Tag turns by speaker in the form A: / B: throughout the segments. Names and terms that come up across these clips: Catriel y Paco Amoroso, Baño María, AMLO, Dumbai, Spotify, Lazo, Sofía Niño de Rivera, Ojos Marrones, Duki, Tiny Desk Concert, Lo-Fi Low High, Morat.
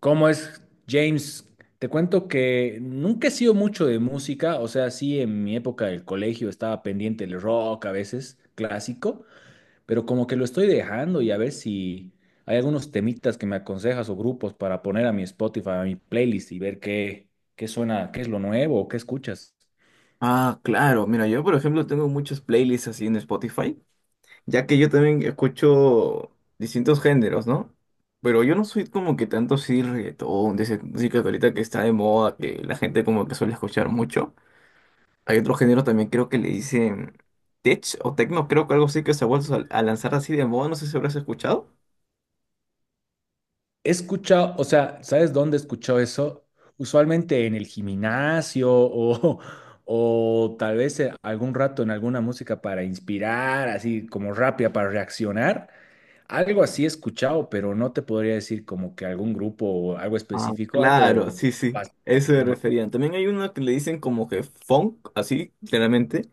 A: ¿Cómo es, James? Te cuento que nunca he sido mucho de música, o sea, sí, en mi época del colegio estaba pendiente del rock a veces, clásico, pero como que lo estoy dejando y a ver si hay algunos temitas que me aconsejas o grupos para poner a mi Spotify, a mi playlist y ver qué, qué suena, qué es lo nuevo, qué escuchas.
B: Ah, claro. Mira, yo por ejemplo tengo muchas playlists así en Spotify, ya que yo también escucho distintos géneros, ¿no? Pero yo no soy como que tanto así reggaetón, de esa música que ahorita que está de moda, que la gente como que suele escuchar mucho. Hay otro género también creo que le dicen tech o techno, creo que algo así que se ha vuelto a lanzar así de moda, no sé si habrás escuchado.
A: He escuchado, o sea, ¿sabes dónde he escuchado eso? Usualmente en el gimnasio o, o tal vez algún rato en alguna música para inspirar, así como rápida para reaccionar. Algo así he escuchado, pero no te podría decir como que algún grupo o algo
B: Ah,
A: específico,
B: claro,
A: algo
B: sí, sí,
A: bastante-
B: eso me referían. También hay una que le dicen como que funk, así, claramente.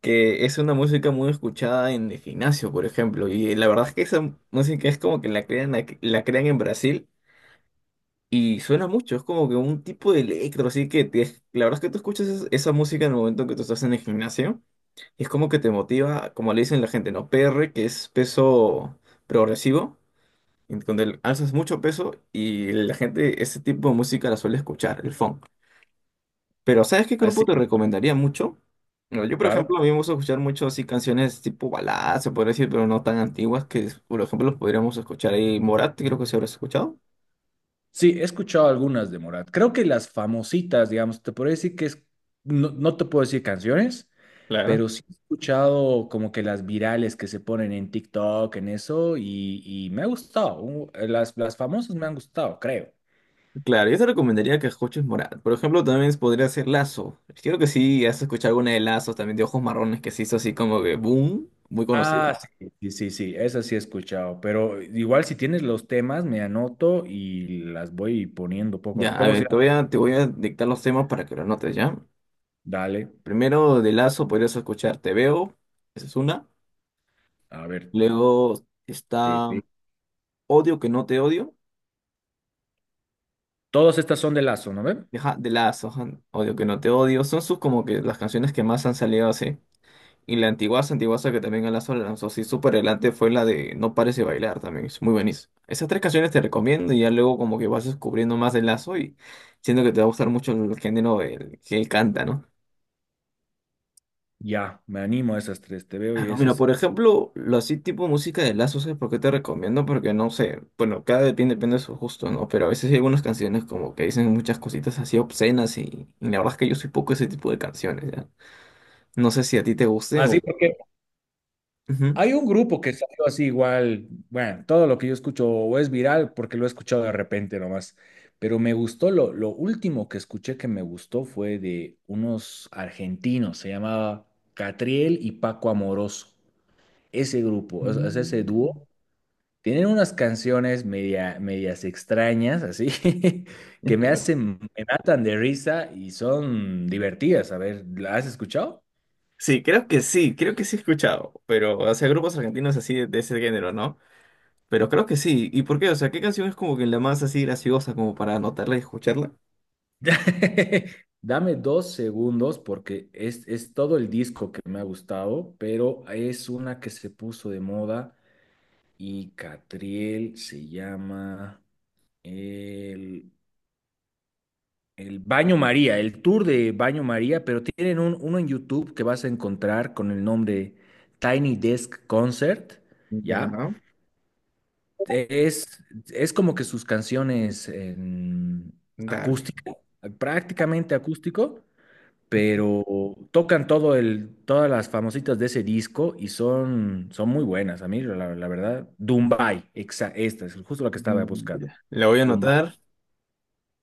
B: Que es una música muy escuchada en el gimnasio, por ejemplo, y la verdad es que esa música es como que la crean, la crean en Brasil y suena mucho, es como que un tipo de electro, así que la verdad es que tú escuchas esa música en el momento que tú estás en el gimnasio y es como que te motiva, como le dicen la gente, ¿no? PR, que es peso progresivo, en donde alzas mucho peso y la gente ese tipo de música la suele escuchar, el funk. Pero ¿sabes qué grupo
A: así,
B: te recomendaría mucho? Bueno, yo, por
A: claro.
B: ejemplo, a mí me gusta escuchar mucho así canciones tipo baladas, se podría decir, pero no tan antiguas, que por ejemplo los podríamos escuchar ahí. Morat, creo que se habrás escuchado.
A: Sí, he escuchado algunas de Morat. Creo que las famositas, digamos, te puedo decir que es, no, no te puedo decir canciones,
B: Claro.
A: pero sí he escuchado como que las virales que se ponen en TikTok, en eso, y me ha gustado. Las, famosas me han gustado, creo.
B: Claro, yo te recomendaría que escuches Morat. Por ejemplo, también podría ser Lazo. Creo que sí, has escuchado alguna de Lazos, también de Ojos Marrones, que se hizo así como que boom, muy conocido.
A: Ah, sí, sí, sí, sí, esas sí he escuchado, pero igual si tienes los temas, me anoto y las voy poniendo poco a poco.
B: Ya, a
A: ¿Cómo se
B: ver,
A: llama?
B: te voy a dictar los temas para que lo anotes, ¿ya?
A: Dale,
B: Primero de Lazo podrías escuchar Te Veo, esa es una.
A: a ver.
B: Luego
A: te-
B: está
A: te-
B: Odio que no te odio,
A: Todas estas son de Lazo, ¿no ven?
B: ajá, de Lazo, ajá, Odio que no te odio, son sus como que las canciones que más han salido así. Y la antiguaza, antiguaza que también a Lazo la lanzó así súper adelante fue la de No pares de bailar también, es muy buenísimo. Esas tres canciones te recomiendo y ya luego como que vas descubriendo más de Lazo y siento que te va a gustar mucho el género del que él canta, ¿no?
A: Ya, me animo a esas tres, te veo y
B: Claro, mira,
A: esas.
B: por ejemplo, lo así tipo música de Lazo, ¿sabes por qué te recomiendo? Porque no sé, bueno, cada depende, depende de su gusto, ¿no? Pero a veces hay algunas canciones como que dicen muchas cositas así obscenas y la verdad es que yo soy poco ese tipo de canciones, ¿ya? No sé si a ti te gusten o...
A: Así, porque
B: Ujú.
A: hay un grupo que salió así igual, bueno, todo lo que yo escucho o es viral porque lo he escuchado de repente nomás, pero me gustó, lo último que escuché que me gustó fue de unos argentinos, se llamaba Catriel y Paco Amoroso, ese grupo, o sea, ese dúo,
B: Mm.
A: tienen unas canciones medias extrañas, así, que me
B: Claro.
A: hacen, me matan de risa y son divertidas, a ver, ¿la has escuchado?
B: Sí, creo que sí, creo que sí he escuchado, pero, o sea, grupos argentinos así de ese género, ¿no? Pero creo que sí. ¿Y por qué? O sea, ¿qué canción es como que la más así graciosa como para anotarla y escucharla?
A: Dame dos segundos porque es todo el disco que me ha gustado, pero es una que se puso de moda y Catriel se llama el, el Baño María, el tour de Baño María, pero tienen uno en YouTube que vas a encontrar con el nombre Tiny Desk Concert,
B: Ya,
A: ¿ya?
B: ¿no?
A: Es, es como que sus canciones en
B: Dale.
A: acústica, prácticamente acústico, pero tocan todas las famositas de ese disco y son, son muy buenas. A mí, la verdad, Dumbai, esta es justo la que estaba
B: Mm,
A: buscando.
B: ya. La voy a
A: Dumbai,
B: anotar.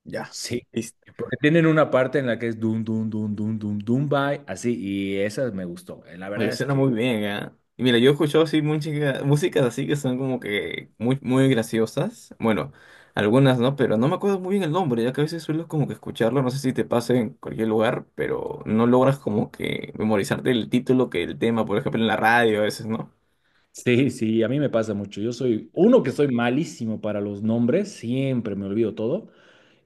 B: Ya.
A: sí.
B: Listo.
A: Porque tienen una parte en la que es Dum, Dum, Dum, Dum, Dum, Dumbai, así, y esa me gustó. La
B: Oye,
A: verdad es
B: suena
A: que.
B: muy bien, ¿ah? Y mira, yo he escuchado así música, músicas así que son como que muy graciosas. Bueno, algunas no, pero no me acuerdo muy bien el nombre, ya que a veces suelo como que escucharlo, no sé si te pasa en cualquier lugar, pero no logras como que memorizarte el título que el tema, por ejemplo, en la radio a veces, ¿no?
A: Sí, sí, a mí me pasa mucho. Yo soy, uno que soy malísimo para los nombres, siempre me olvido todo.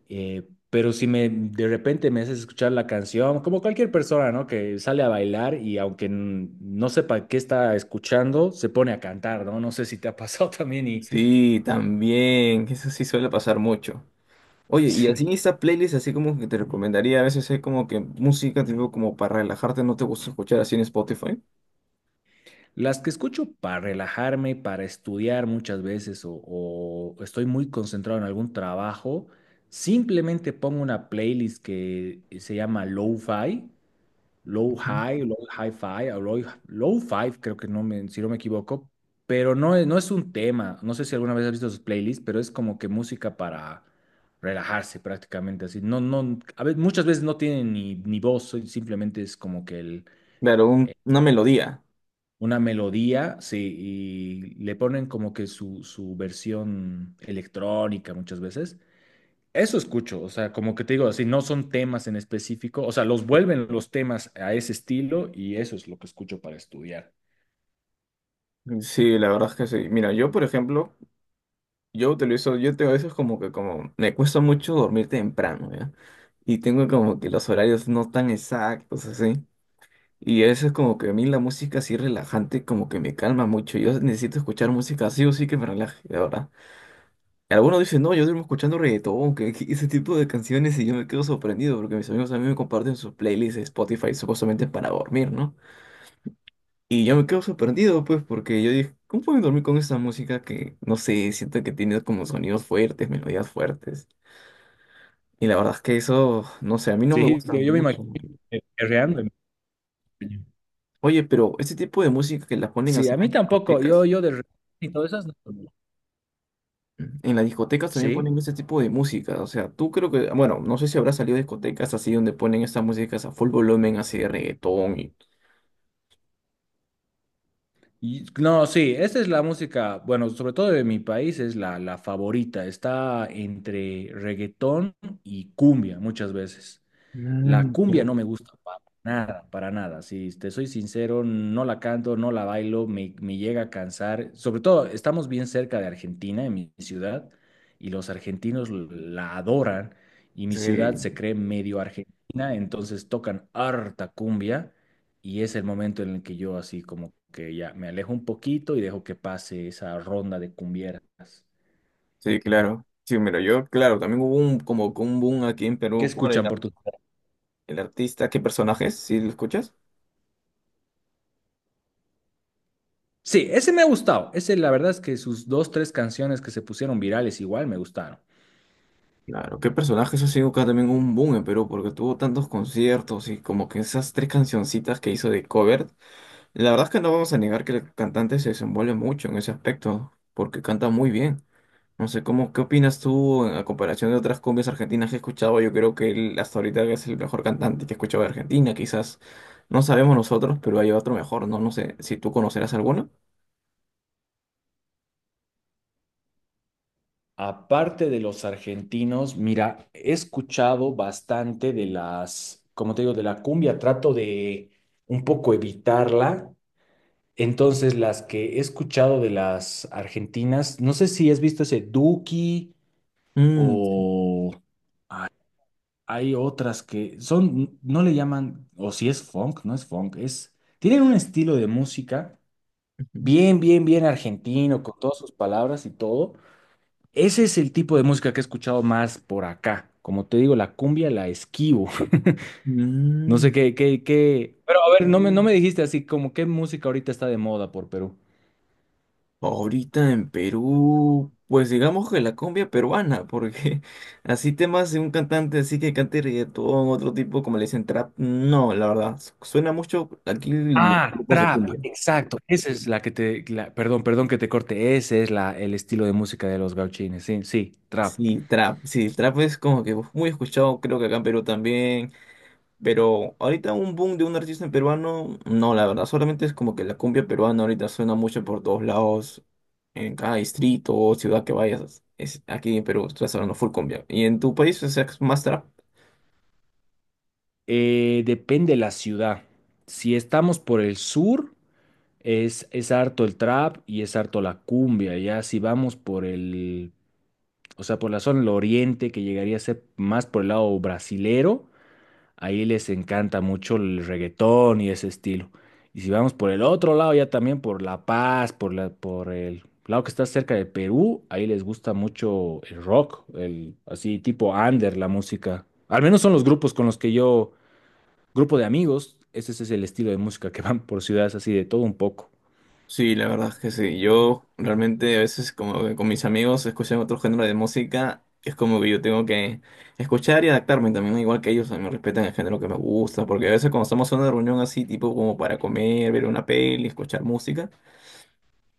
A: Pero si me de repente me haces escuchar la canción, como cualquier persona, ¿no? Que sale a bailar y aunque no sepa qué está escuchando, se pone a cantar, ¿no? No sé si te ha pasado también y
B: Sí, también, eso sí suele pasar mucho. Oye, y así
A: sí.
B: esta playlist, así como que te recomendaría, a veces hay como que música, tipo como para relajarte, ¿no te gusta escuchar así en Spotify?
A: Las que escucho para relajarme, para estudiar muchas veces o estoy muy concentrado en algún trabajo, simplemente pongo una playlist que se llama Lo-Fi Low
B: Ujú.
A: High, Low High Five, o Low, Low Five, creo que no me, si no me equivoco, pero no es un tema. No sé si alguna vez has visto sus playlists, pero es como que música para relajarse prácticamente así. No, no, a veces, muchas veces no tienen ni, ni voz, simplemente es como que
B: Claro, una melodía.
A: una melodía, sí, y le ponen como que su versión electrónica muchas veces. Eso escucho, o sea, como que te digo, así no son temas en específico, o sea, los vuelven los temas a ese estilo y eso es lo que escucho para estudiar.
B: Sí, la verdad es que sí. Mira, yo, por ejemplo, yo utilizo, yo tengo a veces como que como, me cuesta mucho dormir temprano, ¿ya? Y tengo como que los horarios no tan exactos, así. Y eso es como que a mí la música así relajante como que me calma mucho. Yo necesito escuchar música así o sí que me relaje, la verdad. Algunos dicen, no, yo duermo escuchando reggaetón, que que ese tipo de canciones y yo me quedo sorprendido porque mis amigos a mí me comparten sus playlists de Spotify supuestamente para dormir, ¿no? Y yo me quedo sorprendido, pues, porque yo dije, ¿cómo puedo dormir con esa música que, no sé, siento que tiene como sonidos fuertes, melodías fuertes? Y la verdad es que eso, no sé, a mí no me
A: Sí,
B: gusta
A: que yo me
B: mucho.
A: imagino
B: ¿No?
A: que perreando en español.
B: Oye, pero este tipo de música que las ponen
A: Sí,
B: así
A: a mí tampoco, yo y todas esas no.
B: en las discotecas también ponen
A: Sí,
B: este tipo de música. O sea, tú creo que, bueno, no sé si habrá salido de discotecas así donde ponen estas músicas a full volumen, así de reggaetón y...
A: y, no, sí, esta es la música, bueno, sobre todo de mi país es la favorita, está entre reggaetón y cumbia muchas veces. La
B: Mm,
A: cumbia
B: claro.
A: no me gusta para nada, para nada. Si te soy sincero, no la canto, no la bailo, me llega a cansar. Sobre todo, estamos bien cerca de Argentina, en mi ciudad, y los argentinos la adoran, y mi ciudad
B: Sí,
A: se cree medio argentina, entonces tocan harta cumbia, y es el momento en el que yo así como que ya me alejo un poquito y dejo que pase esa ronda de cumbieras.
B: sí, claro. Sí, mira, yo, claro, también hubo un, como que un boom aquí en
A: ¿Qué
B: Perú por el
A: escuchan por tu...
B: El artista, ¿qué personajes? ¿Sí lo escuchas?
A: Sí, ese me ha gustado. Ese, la verdad es que sus dos, tres canciones que se pusieron virales igual me gustaron.
B: Claro, qué personaje eso ha sido acá también un boom en Perú, porque tuvo tantos conciertos y como que esas tres cancioncitas que hizo de cover, la verdad es que no vamos a negar que el cantante se desenvuelve mucho en ese aspecto, porque canta muy bien. No sé, cómo, ¿qué opinas tú a comparación de otras cumbias argentinas que he escuchado? Yo creo que él hasta ahorita es el mejor cantante que he escuchado de Argentina, quizás no sabemos nosotros, pero hay otro mejor, ¿no? No sé si tú conocerás alguno.
A: Aparte de los argentinos, mira, he escuchado bastante de las, como te digo, de la cumbia. Trato de un poco evitarla. Entonces, las que he escuchado de las argentinas, no sé si has visto ese Duki
B: Mm, sí,
A: o hay otras que son, no le llaman, o si es funk, no es funk, es, tienen un estilo de música
B: ujú.
A: bien, bien, bien argentino, con todas sus palabras y todo. Ese es el tipo de música que he escuchado más por acá. Como te digo, la cumbia la esquivo. No sé
B: Mm,
A: qué, qué, qué. Pero a ver, no me dijiste así como qué música ahorita está de moda por Perú.
B: ahorita en Perú, pues digamos que la cumbia peruana, porque así temas de un cantante así que cante reggaetón, otro tipo como le dicen trap, no, la verdad, suena mucho aquí los
A: Ah,
B: grupos de
A: trap,
B: cumbia.
A: exacto. Esa es la que te, perdón, perdón que te corte. Ese es el estilo de música de los gauchines. Sí, sí, trap.
B: Sí, trap, sí, el trap es como que muy escuchado, creo que acá en Perú también. Pero ahorita un boom de un artista en peruano, no, la verdad, solamente es como que la cumbia peruana ahorita suena mucho por todos lados, en cada distrito o ciudad que vayas, es aquí en Perú estás hablando full cumbia. ¿Y en tu país o sea, es más trap?
A: Depende la ciudad. Si estamos por el sur. Es harto el trap y es harto la cumbia. Ya si vamos por o sea, por la zona del oriente, que llegaría a ser más por el lado brasilero, ahí les encanta mucho el reggaetón y ese estilo. Y si vamos por el otro lado, ya también por La Paz, por el lado que está cerca de Perú, ahí les gusta mucho el rock, el así tipo under, la música. Al menos son los grupos con los que yo, grupo de amigos, ese es el estilo de música que van por ciudades así de todo un poco.
B: Sí, la verdad es que sí. Yo realmente a veces como que con mis amigos escuchan otro género de música, es como que yo tengo que escuchar y adaptarme también, ¿no? Igual que ellos, a mí me respetan el género que me gusta, porque a veces cuando estamos en una reunión así, tipo como para comer, ver una peli, escuchar música.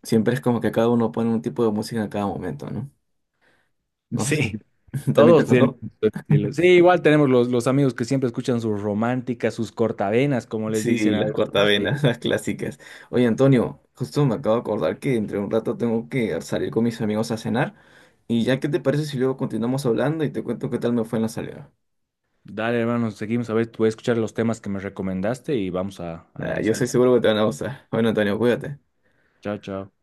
B: Siempre es como que cada uno pone un tipo de música en cada momento, ¿no? No sé
A: Sí.
B: si también te
A: Todos tienen
B: pasó.
A: su estilo. Sí, igual tenemos los amigos que siempre escuchan sus románticas, sus cortavenas, como les
B: Sí,
A: dicen a
B: las
A: algunos. Y,
B: cortavenas, las clásicas. Oye, Antonio, justo me acabo de acordar que entre un rato tengo que salir con mis amigos a cenar. Y ya, ¿qué te parece si luego continuamos hablando y te cuento qué tal me fue en la salida?
A: dale, hermano, seguimos a ver, voy a escuchar los temas que me recomendaste y vamos a
B: Ah, yo estoy
A: analizarlos.
B: seguro que te van a gustar. Bueno, Antonio, cuídate.
A: Chao, chao.